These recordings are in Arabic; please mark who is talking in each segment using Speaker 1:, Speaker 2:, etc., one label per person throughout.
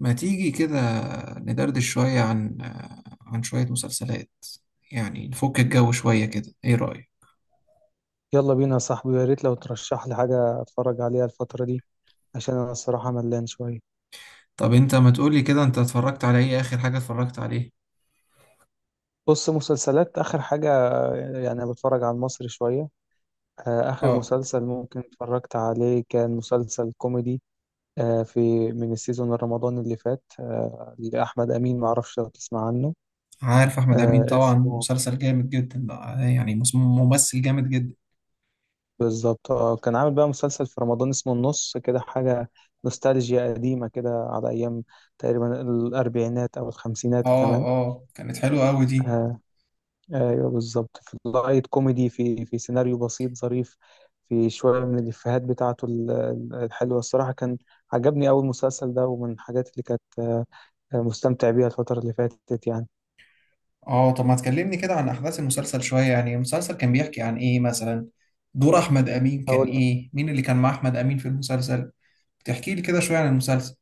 Speaker 1: ما تيجي كده ندردش شوية عن شوية مسلسلات، يعني نفك الجو شوية كده. ايه رأيك؟
Speaker 2: يلا بينا يا صاحبي، يا ريت لو ترشح لي حاجة اتفرج عليها الفترة دي عشان انا الصراحة ملان شوية.
Speaker 1: طب انت ما تقولي كده، انت اتفرجت على ايه؟ اخر حاجة اتفرجت عليه.
Speaker 2: بص، مسلسلات اخر حاجة، يعني بتفرج على المصري شوية. اخر
Speaker 1: اه.
Speaker 2: مسلسل ممكن اتفرجت عليه كان مسلسل كوميدي. في من السيزون الرمضان اللي فات، لأحمد أمين، معرفش لو تسمع عنه.
Speaker 1: عارف احمد امين طبعا،
Speaker 2: اسمه
Speaker 1: مسلسل جامد جدا ده. يعني ممثل جامد جدا.
Speaker 2: بالظبط، كان عامل بقى مسلسل في رمضان اسمه النص كده حاجة، نوستالجيا قديمة كده على أيام تقريبا الأربعينات أو الخمسينات
Speaker 1: اه
Speaker 2: كمان.
Speaker 1: اه، كانت حلوة قوي دي.
Speaker 2: آه، ايوه بالظبط، في لايت كوميدي، في سيناريو بسيط ظريف، في شويه من الافيهات بتاعته الحلوه. الصراحه كان عجبني اول مسلسل ده، ومن الحاجات اللي كانت مستمتع بيها الفتره اللي فاتت يعني.
Speaker 1: اه، طب ما تكلمني كده عن احداث المسلسل شوية. يعني المسلسل كان بيحكي عن ايه مثلا؟ دور احمد امين كان
Speaker 2: اقول،
Speaker 1: ايه؟ مين اللي كان مع احمد امين في المسلسل؟ تحكي لي كده شوية عن المسلسل.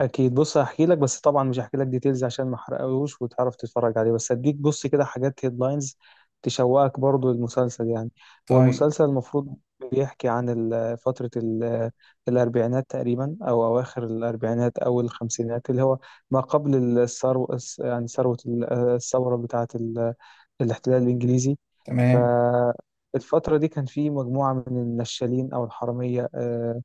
Speaker 2: اكيد بص هحكي لك، بس طبعا مش هحكي لك ديتيلز عشان ما احرقهوش وتعرف تتفرج عليه، بس هديك بص كده حاجات هيدلاينز تشوقك برضو المسلسل يعني. هو
Speaker 1: طيب.
Speaker 2: المسلسل المفروض بيحكي عن فترة الأربعينات تقريبا، أو أواخر الأربعينات أو الخمسينات، اللي هو ما قبل الثروة، يعني ثروة الثورة بتاعة الاحتلال الإنجليزي.
Speaker 1: تمام.
Speaker 2: فالفترة دي كان في مجموعة من النشالين أو الحرامية،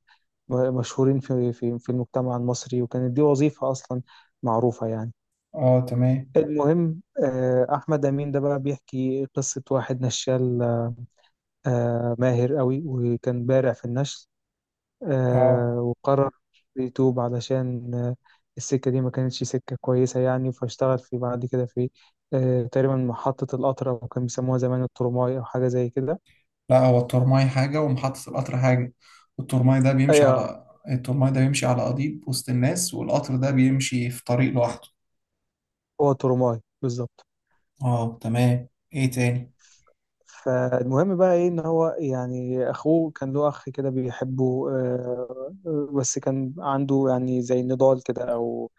Speaker 2: مشهورين في المجتمع المصري، وكانت دي وظيفة أصلا معروفة يعني.
Speaker 1: اه تمام.
Speaker 2: المهم، أحمد أمين ده بقى بيحكي قصة واحد نشال، ماهر قوي وكان بارع في النشل،
Speaker 1: اه،
Speaker 2: وقرر يتوب علشان السكة دي ما كانتش سكة كويسة يعني. فاشتغل في بعد كده في تقريبا محطة القطر، أو كان بيسموها زمان الترماي أو حاجة زي كده.
Speaker 1: لا، هو الترماي حاجة ومحطة القطر حاجة.
Speaker 2: أيوة،
Speaker 1: الترماي ده بيمشي على قضيب وسط الناس، والقطر ده بيمشي في طريق لوحده.
Speaker 2: هو ترماي بالظبط.
Speaker 1: اه تمام، ايه تاني؟
Speaker 2: فالمهم بقى ايه ان هو، يعني اخوه كان له اخ كده بيحبه، بس كان عنده يعني زي نضال كده او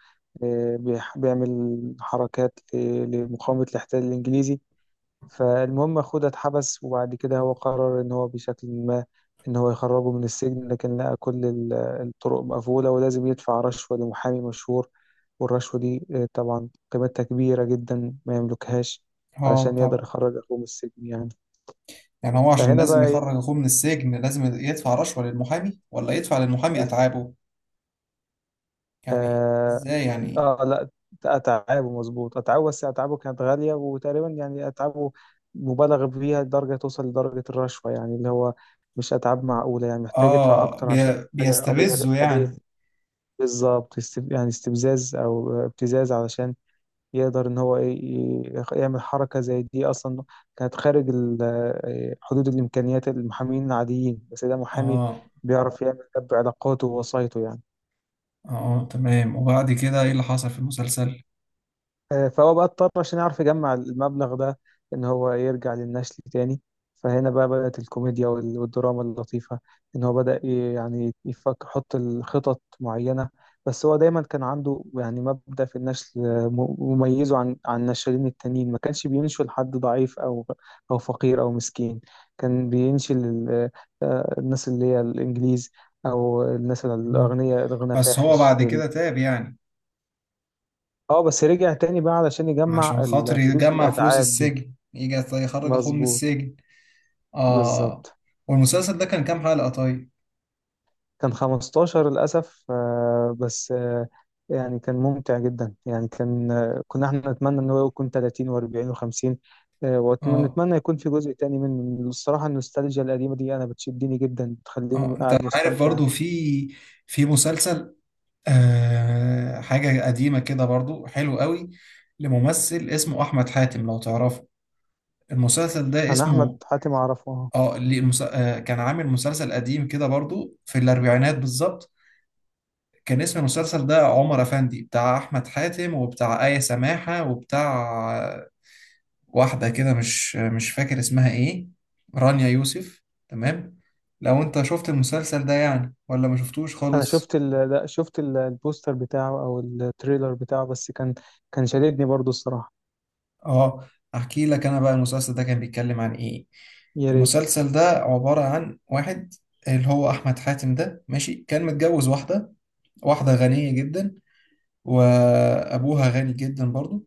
Speaker 2: بيعمل حركات لمقاومة الاحتلال الانجليزي. فالمهم أخوه ده اتحبس، وبعد كده هو قرر إن هو بشكل ما، إن هو يخرجه من السجن، لكن لقى كل الطرق مقفولة ولازم يدفع رشوة لمحامي مشهور. والرشوة دي طبعا قيمتها كبيرة جدا ما يملكهاش،
Speaker 1: اه
Speaker 2: علشان يقدر
Speaker 1: طبعا.
Speaker 2: يخرج أخوه من السجن يعني.
Speaker 1: يعني هو عشان
Speaker 2: فهنا
Speaker 1: لازم
Speaker 2: بقى إيه،
Speaker 1: يخرج اخوه من السجن لازم يدفع رشوة للمحامي، ولا يدفع للمحامي اتعابه؟ يعني
Speaker 2: بالظبط.
Speaker 1: ازاي يعني؟
Speaker 2: اه لا، اتعابه، مظبوط اتعابه، بس اتعابه كانت غاليه، وتقريبا يعني اتعابه مبالغ فيها لدرجه توصل لدرجه الرشوه، يعني اللي هو مش اتعاب معقوله، يعني محتاج يدفع
Speaker 1: اه
Speaker 2: اكتر عشان حاجه قضيه
Speaker 1: بيستفزه
Speaker 2: قضيه.
Speaker 1: يعني؟
Speaker 2: بالظبط، يعني استفزاز او ابتزاز، علشان يقدر ان هو يعمل حركه زي دي. اصلا كانت خارج حدود الامكانيات المحامين العاديين، بس ده محامي
Speaker 1: اه
Speaker 2: بيعرف يعمل ده بعلاقاته ووسايطه يعني.
Speaker 1: اه تمام. وبعد كده ايه اللي حصل في المسلسل؟
Speaker 2: فهو بقى اضطر عشان يعرف يجمع المبلغ ده، ان هو يرجع للنشل تاني. فهنا بقى بدأت الكوميديا والدراما اللطيفة، ان هو بدأ يعني يفكر يحط الخطط معينة. بس هو دايما كان عنده يعني مبدأ في النشل، مميزه عن النشالين التانيين، ما كانش بينشل حد ضعيف او او فقير او مسكين. كان بينشل الناس اللي هي الانجليز، او الناس
Speaker 1: مم.
Speaker 2: الاغنياء الغنى
Speaker 1: بس هو
Speaker 2: فاحش.
Speaker 1: بعد كده تاب يعني؟
Speaker 2: اه، بس رجع تاني بقى علشان يجمع
Speaker 1: عشان خاطر
Speaker 2: الفلوس
Speaker 1: يجمع فلوس
Speaker 2: الأتعاب دي.
Speaker 1: السجن، يجي يخرج اخوه من
Speaker 2: مظبوط،
Speaker 1: السجن. اه.
Speaker 2: بالظبط.
Speaker 1: والمسلسل ده كان كام حلقة طيب؟
Speaker 2: كان 15 للأسف، بس يعني كان ممتع جدا، يعني كان، كنا احنا نتمنى ان هو يكون 30 و40 و50،
Speaker 1: اه
Speaker 2: ونتمنى يكون في جزء تاني منه. الصراحة النوستالجيا القديمة دي أنا بتشدني جدا، بتخليني
Speaker 1: اه، انت
Speaker 2: قاعد
Speaker 1: عارف
Speaker 2: مستمتع.
Speaker 1: برضو في مسلسل حاجة قديمة كده برضو حلو قوي، لممثل اسمه احمد حاتم، لو تعرفه. المسلسل ده
Speaker 2: أنا أحمد
Speaker 1: اسمه...
Speaker 2: حاتم أعرفه أهو.
Speaker 1: اه ليه المس... آه كان عامل مسلسل قديم كده برضو في الاربعينات بالظبط. كان اسم المسلسل ده عمر افندي، بتاع احمد حاتم وبتاع آية سماحة وبتاع واحدة كده مش فاكر اسمها ايه، رانيا يوسف. تمام. لو انت شفت المسلسل ده يعني، ولا ما شفتوش
Speaker 2: أنا
Speaker 1: خالص؟
Speaker 2: شفت لا شفت البوستر بتاعه أو التريلر بتاعه، بس كان، كان شددني برضو الصراحة.
Speaker 1: اه، احكي لك انا بقى المسلسل ده كان بيتكلم عن ايه.
Speaker 2: يا ريت.
Speaker 1: المسلسل ده عبارة عن واحد، اللي هو احمد حاتم ده، ماشي، كان متجوز واحدة غنية جدا، وأبوها غني جدا برضو.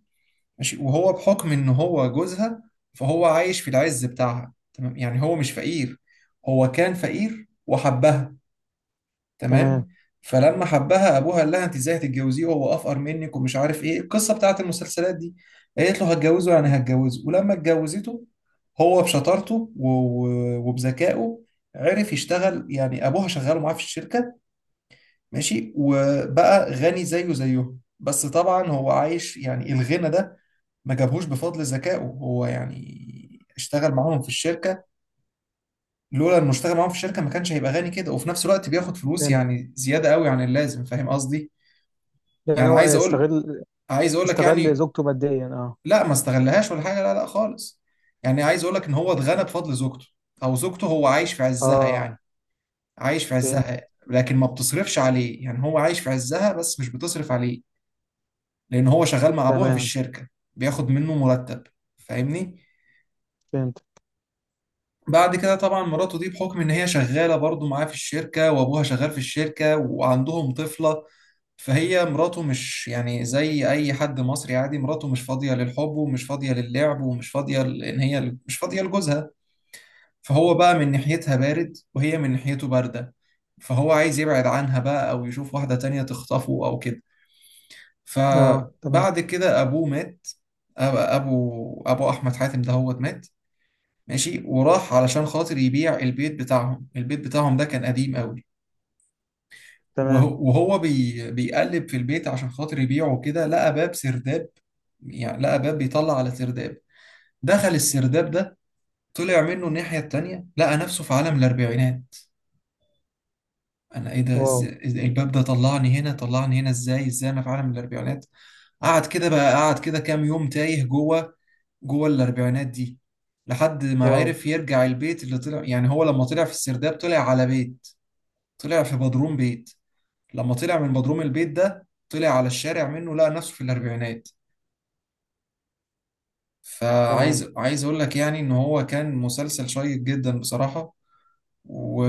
Speaker 1: ماشي، وهو بحكم إن هو جوزها فهو عايش في العز بتاعها. تمام، يعني هو مش فقير. هو كان فقير وحبها.
Speaker 2: تمام.
Speaker 1: تمام. فلما حبها ابوها قال لها انت ازاي هتتجوزيه وهو افقر منك ومش عارف ايه القصه بتاعت المسلسلات دي. قالت له هتجوزه يعني هتجوزه. ولما اتجوزته، هو بشطارته وبذكائه عرف يشتغل. يعني ابوها شغاله معاه في الشركه، ماشي، وبقى غني زيه زيه. بس طبعا هو عايش يعني الغنى ده ما جابهوش بفضل ذكائه هو، يعني اشتغل معاهم في الشركة. لولا انه اشتغل معاهم في الشركه ما كانش هيبقى غني كده. وفي نفس الوقت بياخد فلوس يعني زياده قوي عن اللازم، فاهم قصدي؟
Speaker 2: يعني
Speaker 1: يعني
Speaker 2: هو استغل،
Speaker 1: عايز اقول لك
Speaker 2: استغل
Speaker 1: يعني.
Speaker 2: زوجته ماديا؟ اه.
Speaker 1: لا، ما استغلهاش ولا حاجه، لا لا خالص. يعني عايز اقول لك ان هو اتغنى بفضل زوجته، او زوجته هو عايش في عزها
Speaker 2: اه،
Speaker 1: يعني. عايش في
Speaker 2: فهمتك.
Speaker 1: عزها، لكن ما بتصرفش عليه. يعني هو عايش في عزها بس مش بتصرف عليه، لان هو شغال مع ابوها في
Speaker 2: تمام.
Speaker 1: الشركه، بياخد منه مرتب. فاهمني؟
Speaker 2: فهمت.
Speaker 1: بعد كده طبعا مراته دي، بحكم ان هي شغاله برضو معاه في الشركه وابوها شغال في الشركه وعندهم طفله، فهي مراته مش يعني زي اي حد مصري عادي. مراته مش فاضيه للحب ومش فاضيه للعب ومش فاضيه ان هي مش فاضيه لجوزها. فهو بقى من ناحيتها بارد وهي من ناحيته بارده. فهو عايز يبعد عنها بقى، او يشوف واحده تانية تخطفه او كده.
Speaker 2: اه، تمام.
Speaker 1: فبعد كده ابوه مات. ابو احمد حاتم ده هو مات، ماشي، وراح علشان خاطر يبيع البيت بتاعهم. البيت بتاعهم ده كان قديم قوي.
Speaker 2: تمام.
Speaker 1: وهو بيقلب في البيت عشان خاطر يبيعه كده لقى باب سرداب. يعني لقى باب بيطلع على سرداب. دخل السرداب ده، طلع منه الناحية التانية، لقى نفسه في عالم الأربعينات. أنا إيه ده؟
Speaker 2: واو.
Speaker 1: إزاي الباب ده طلعني هنا؟ طلعني هنا إزاي؟ إزاي أنا في عالم الأربعينات؟ قعد كده كام يوم تايه جوه. جوه الأربعينات دي، لحد ما
Speaker 2: واو.
Speaker 1: عرف يرجع البيت اللي طلع. يعني هو لما طلع في السرداب طلع على بيت، طلع في بدروم بيت. لما طلع من بدروم البيت ده طلع على الشارع منه، لقى نفسه في الأربعينات.
Speaker 2: تمام.
Speaker 1: فعايز أقول لك يعني إن هو كان مسلسل شيق جدا بصراحة.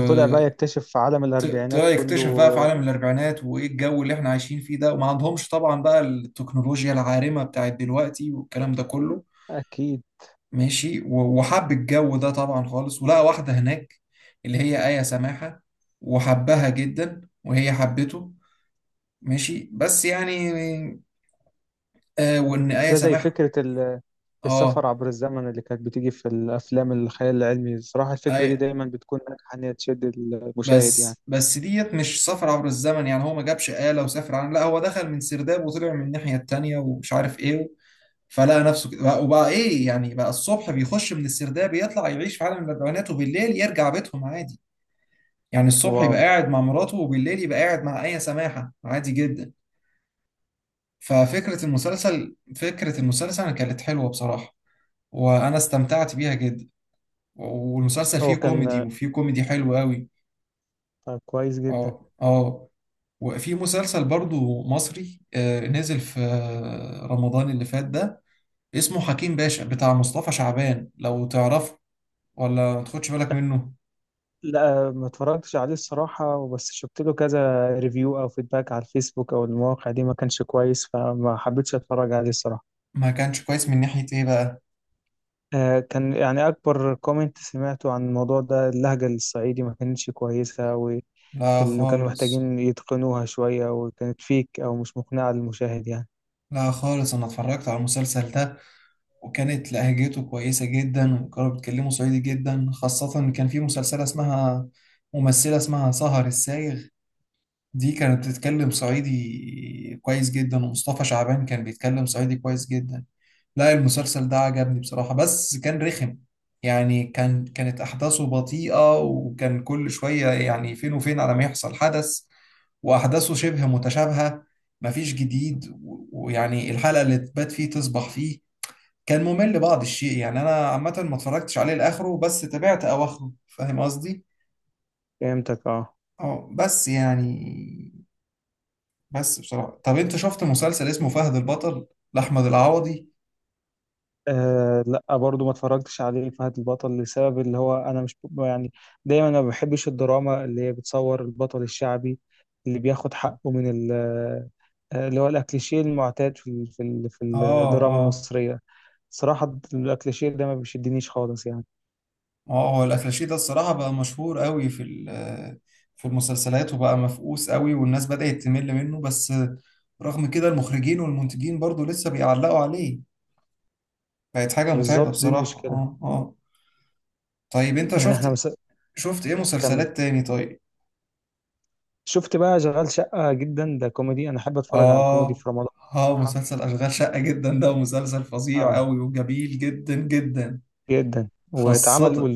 Speaker 2: وطلع بقى يكتشف في عالم الأربعينات
Speaker 1: يكتشف بقى في
Speaker 2: كله.
Speaker 1: عالم الأربعينات، وإيه الجو اللي إحنا عايشين فيه ده. وما عندهمش طبعا بقى التكنولوجيا العارمة بتاعت دلوقتي والكلام ده كله.
Speaker 2: أكيد.
Speaker 1: ماشي، وحب الجو ده طبعا خالص. ولقى واحدة هناك، اللي هي آية سماحة، وحبها جدا وهي حبته. ماشي، بس يعني... والنهاية
Speaker 2: ده زي
Speaker 1: سامحة.
Speaker 2: فكرة السفر
Speaker 1: اه
Speaker 2: عبر الزمن اللي كانت بتيجي في الأفلام الخيال العلمي. الصراحة
Speaker 1: اي،
Speaker 2: الفكرة دي دايما بتكون ناجحة إن هي تشد المشاهد يعني.
Speaker 1: بس ديت مش سفر عبر الزمن يعني. هو ما جابش آلة وسافر، عن لا، هو دخل من سرداب وطلع من الناحية التانية ومش عارف ايه. فلقى نفسه كده وبقى ايه يعني، بقى الصبح بيخش من السرداب يطلع يعيش في عالم الاربعينات، وبالليل يرجع بيتهم عادي. يعني الصبح
Speaker 2: واو.
Speaker 1: يبقى قاعد مع مراته، وبالليل يبقى قاعد مع آية سماحة عادي جدا. ففكرة المسلسل فكرة المسلسل كانت حلوة بصراحة، وانا استمتعت بيها جدا. والمسلسل فيه
Speaker 2: هو
Speaker 1: كوميدي،
Speaker 2: كان
Speaker 1: وفيه كوميدي حلو قوي.
Speaker 2: كويس جدا.
Speaker 1: اه اه. وفي مسلسل برضو مصري نزل في رمضان اللي فات ده، اسمه حكيم باشا، بتاع مصطفى شعبان، لو تعرفه ولا ما تاخدش بالك منه؟
Speaker 2: لا، ما اتفرجتش عليه الصراحة، وبس شفت له كذا ريفيو أو فيدباك على الفيسبوك أو المواقع دي، ما كانش كويس، فما حبيتش أتفرج عليه الصراحة.
Speaker 1: ما كانش كويس من ناحية ايه بقى؟
Speaker 2: كان يعني أكبر كومنت سمعته عن الموضوع ده، اللهجة الصعيدي ما كانتش كويسة، واللي
Speaker 1: لا
Speaker 2: كانوا
Speaker 1: خالص.
Speaker 2: محتاجين يتقنوها شوية، وكانت فيك أو مش مقنعة للمشاهد يعني.
Speaker 1: لا خالص، انا اتفرجت على المسلسل ده، وكانت لهجته كويسة جدا، وكانوا بيتكلموا صعيدي جدا، خاصة إن كان في مسلسلة اسمها... ممثلة اسمها سهر السايغ، دي كانت بتتكلم صعيدي كويس جدا، ومصطفى شعبان كان بيتكلم صعيدي كويس جدا. لا، المسلسل ده عجبني بصراحة، بس كان رخم. يعني كانت أحداثه بطيئة، وكان كل شوية يعني فين وفين على ما يحصل حدث. وأحداثه شبه متشابهة، مفيش جديد. ويعني الحلقة اللي تبات فيه تصبح فيه، كان ممل بعض الشيء يعني. أنا عامة ما اتفرجتش عليه لآخره، بس تابعت أواخره، فاهم قصدي؟
Speaker 2: فهمتك، اه.
Speaker 1: اه، بس يعني بس بصراحة... طب انت شفت مسلسل اسمه فهد البطل، لأحمد العوضي؟
Speaker 2: آه لا، برضو ما اتفرجتش عليه فهد البطل، لسبب اللي هو انا مش يعني، دايما انا ما بحبش الدراما اللي هي بتصور البطل الشعبي اللي بياخد حقه من اللي هو الاكليشيه المعتاد في في
Speaker 1: اه
Speaker 2: الدراما
Speaker 1: اه
Speaker 2: المصريه. صراحه الاكليشيه ده ما بيشدنيش خالص يعني.
Speaker 1: اه. هو الأكلاشيه ده الصراحة بقى مشهور قوي في المسلسلات، وبقى مفقوس قوي والناس بدأت تمل منه. بس رغم كده المخرجين والمنتجين برضو لسه بيعلقوا عليه. بقت حاجة متعبة
Speaker 2: بالظبط، دي
Speaker 1: بصراحة.
Speaker 2: المشكله.
Speaker 1: اه اه. طيب انت
Speaker 2: يعني احنا
Speaker 1: شفت...
Speaker 2: مس...
Speaker 1: شفت ايه
Speaker 2: كمل.
Speaker 1: مسلسلات تاني طيب؟
Speaker 2: شفت بقى شغال شقه جدا، ده كوميدي، انا احب اتفرج على الكوميدي
Speaker 1: اه
Speaker 2: في رمضان.
Speaker 1: اه،
Speaker 2: بصراحه،
Speaker 1: مسلسل أشغال شقة جدا ده مسلسل فظيع
Speaker 2: اه،
Speaker 1: قوي وجميل جدا جدا.
Speaker 2: جدا واتعمل.
Speaker 1: خاصة.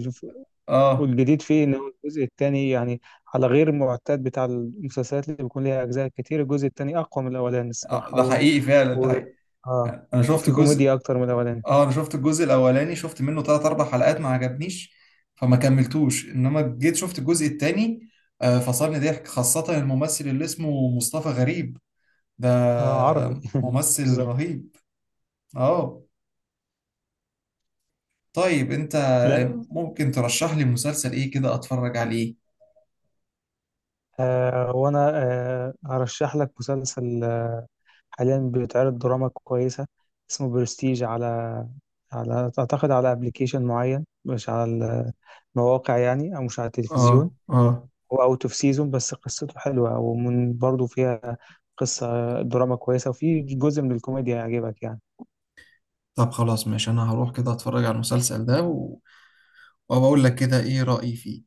Speaker 1: اه.
Speaker 2: والجديد فيه ان هو الجزء الثاني، يعني على غير المعتاد بتاع المسلسلات اللي بيكون ليها اجزاء كتير، الجزء الثاني اقوى من الاولاني الصراحه،
Speaker 1: ده
Speaker 2: و...
Speaker 1: حقيقي فعلا، ده
Speaker 2: و...
Speaker 1: حقيقي.
Speaker 2: اه،
Speaker 1: انا شفت
Speaker 2: وفي
Speaker 1: الجزء...
Speaker 2: كوميديا اكتر من الاولاني.
Speaker 1: اه انا شفت الجزء الاولاني، شفت منه ثلاث اربع حلقات ما عجبنيش، فما كملتوش. انما جيت شفت الجزء الثاني، فصلني ضحك، خاصة الممثل اللي اسمه مصطفى غريب ده،
Speaker 2: اه عربي
Speaker 1: ممثل
Speaker 2: بالظبط.
Speaker 1: رهيب. اه، طيب انت
Speaker 2: لا.
Speaker 1: ممكن ترشح لي مسلسل ايه كده اتفرج عليه؟
Speaker 2: آه وانا هرشح لك مسلسل، حاليا بيتعرض دراما كويسه اسمه برستيج، على على اعتقد على ابلكيشن معين، مش على المواقع يعني، او مش على
Speaker 1: اه
Speaker 2: التلفزيون.
Speaker 1: اه.
Speaker 2: هو اوت اوف سيزون، بس قصته حلوه، ومن برضه فيها قصه دراما كويسه، وفي جزء من الكوميديا يعجبك يعني.
Speaker 1: طب خلاص ماشي، انا هروح كده اتفرج على المسلسل ده، وبقول لك كده ايه رأيي فيه.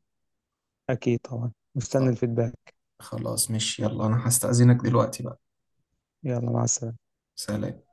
Speaker 2: اكيد طبعا، مستني
Speaker 1: طب
Speaker 2: الفيدباك.
Speaker 1: خلاص ماشي، يلا انا هستأذنك دلوقتي بقى.
Speaker 2: يلا مع السلامه.
Speaker 1: سلام.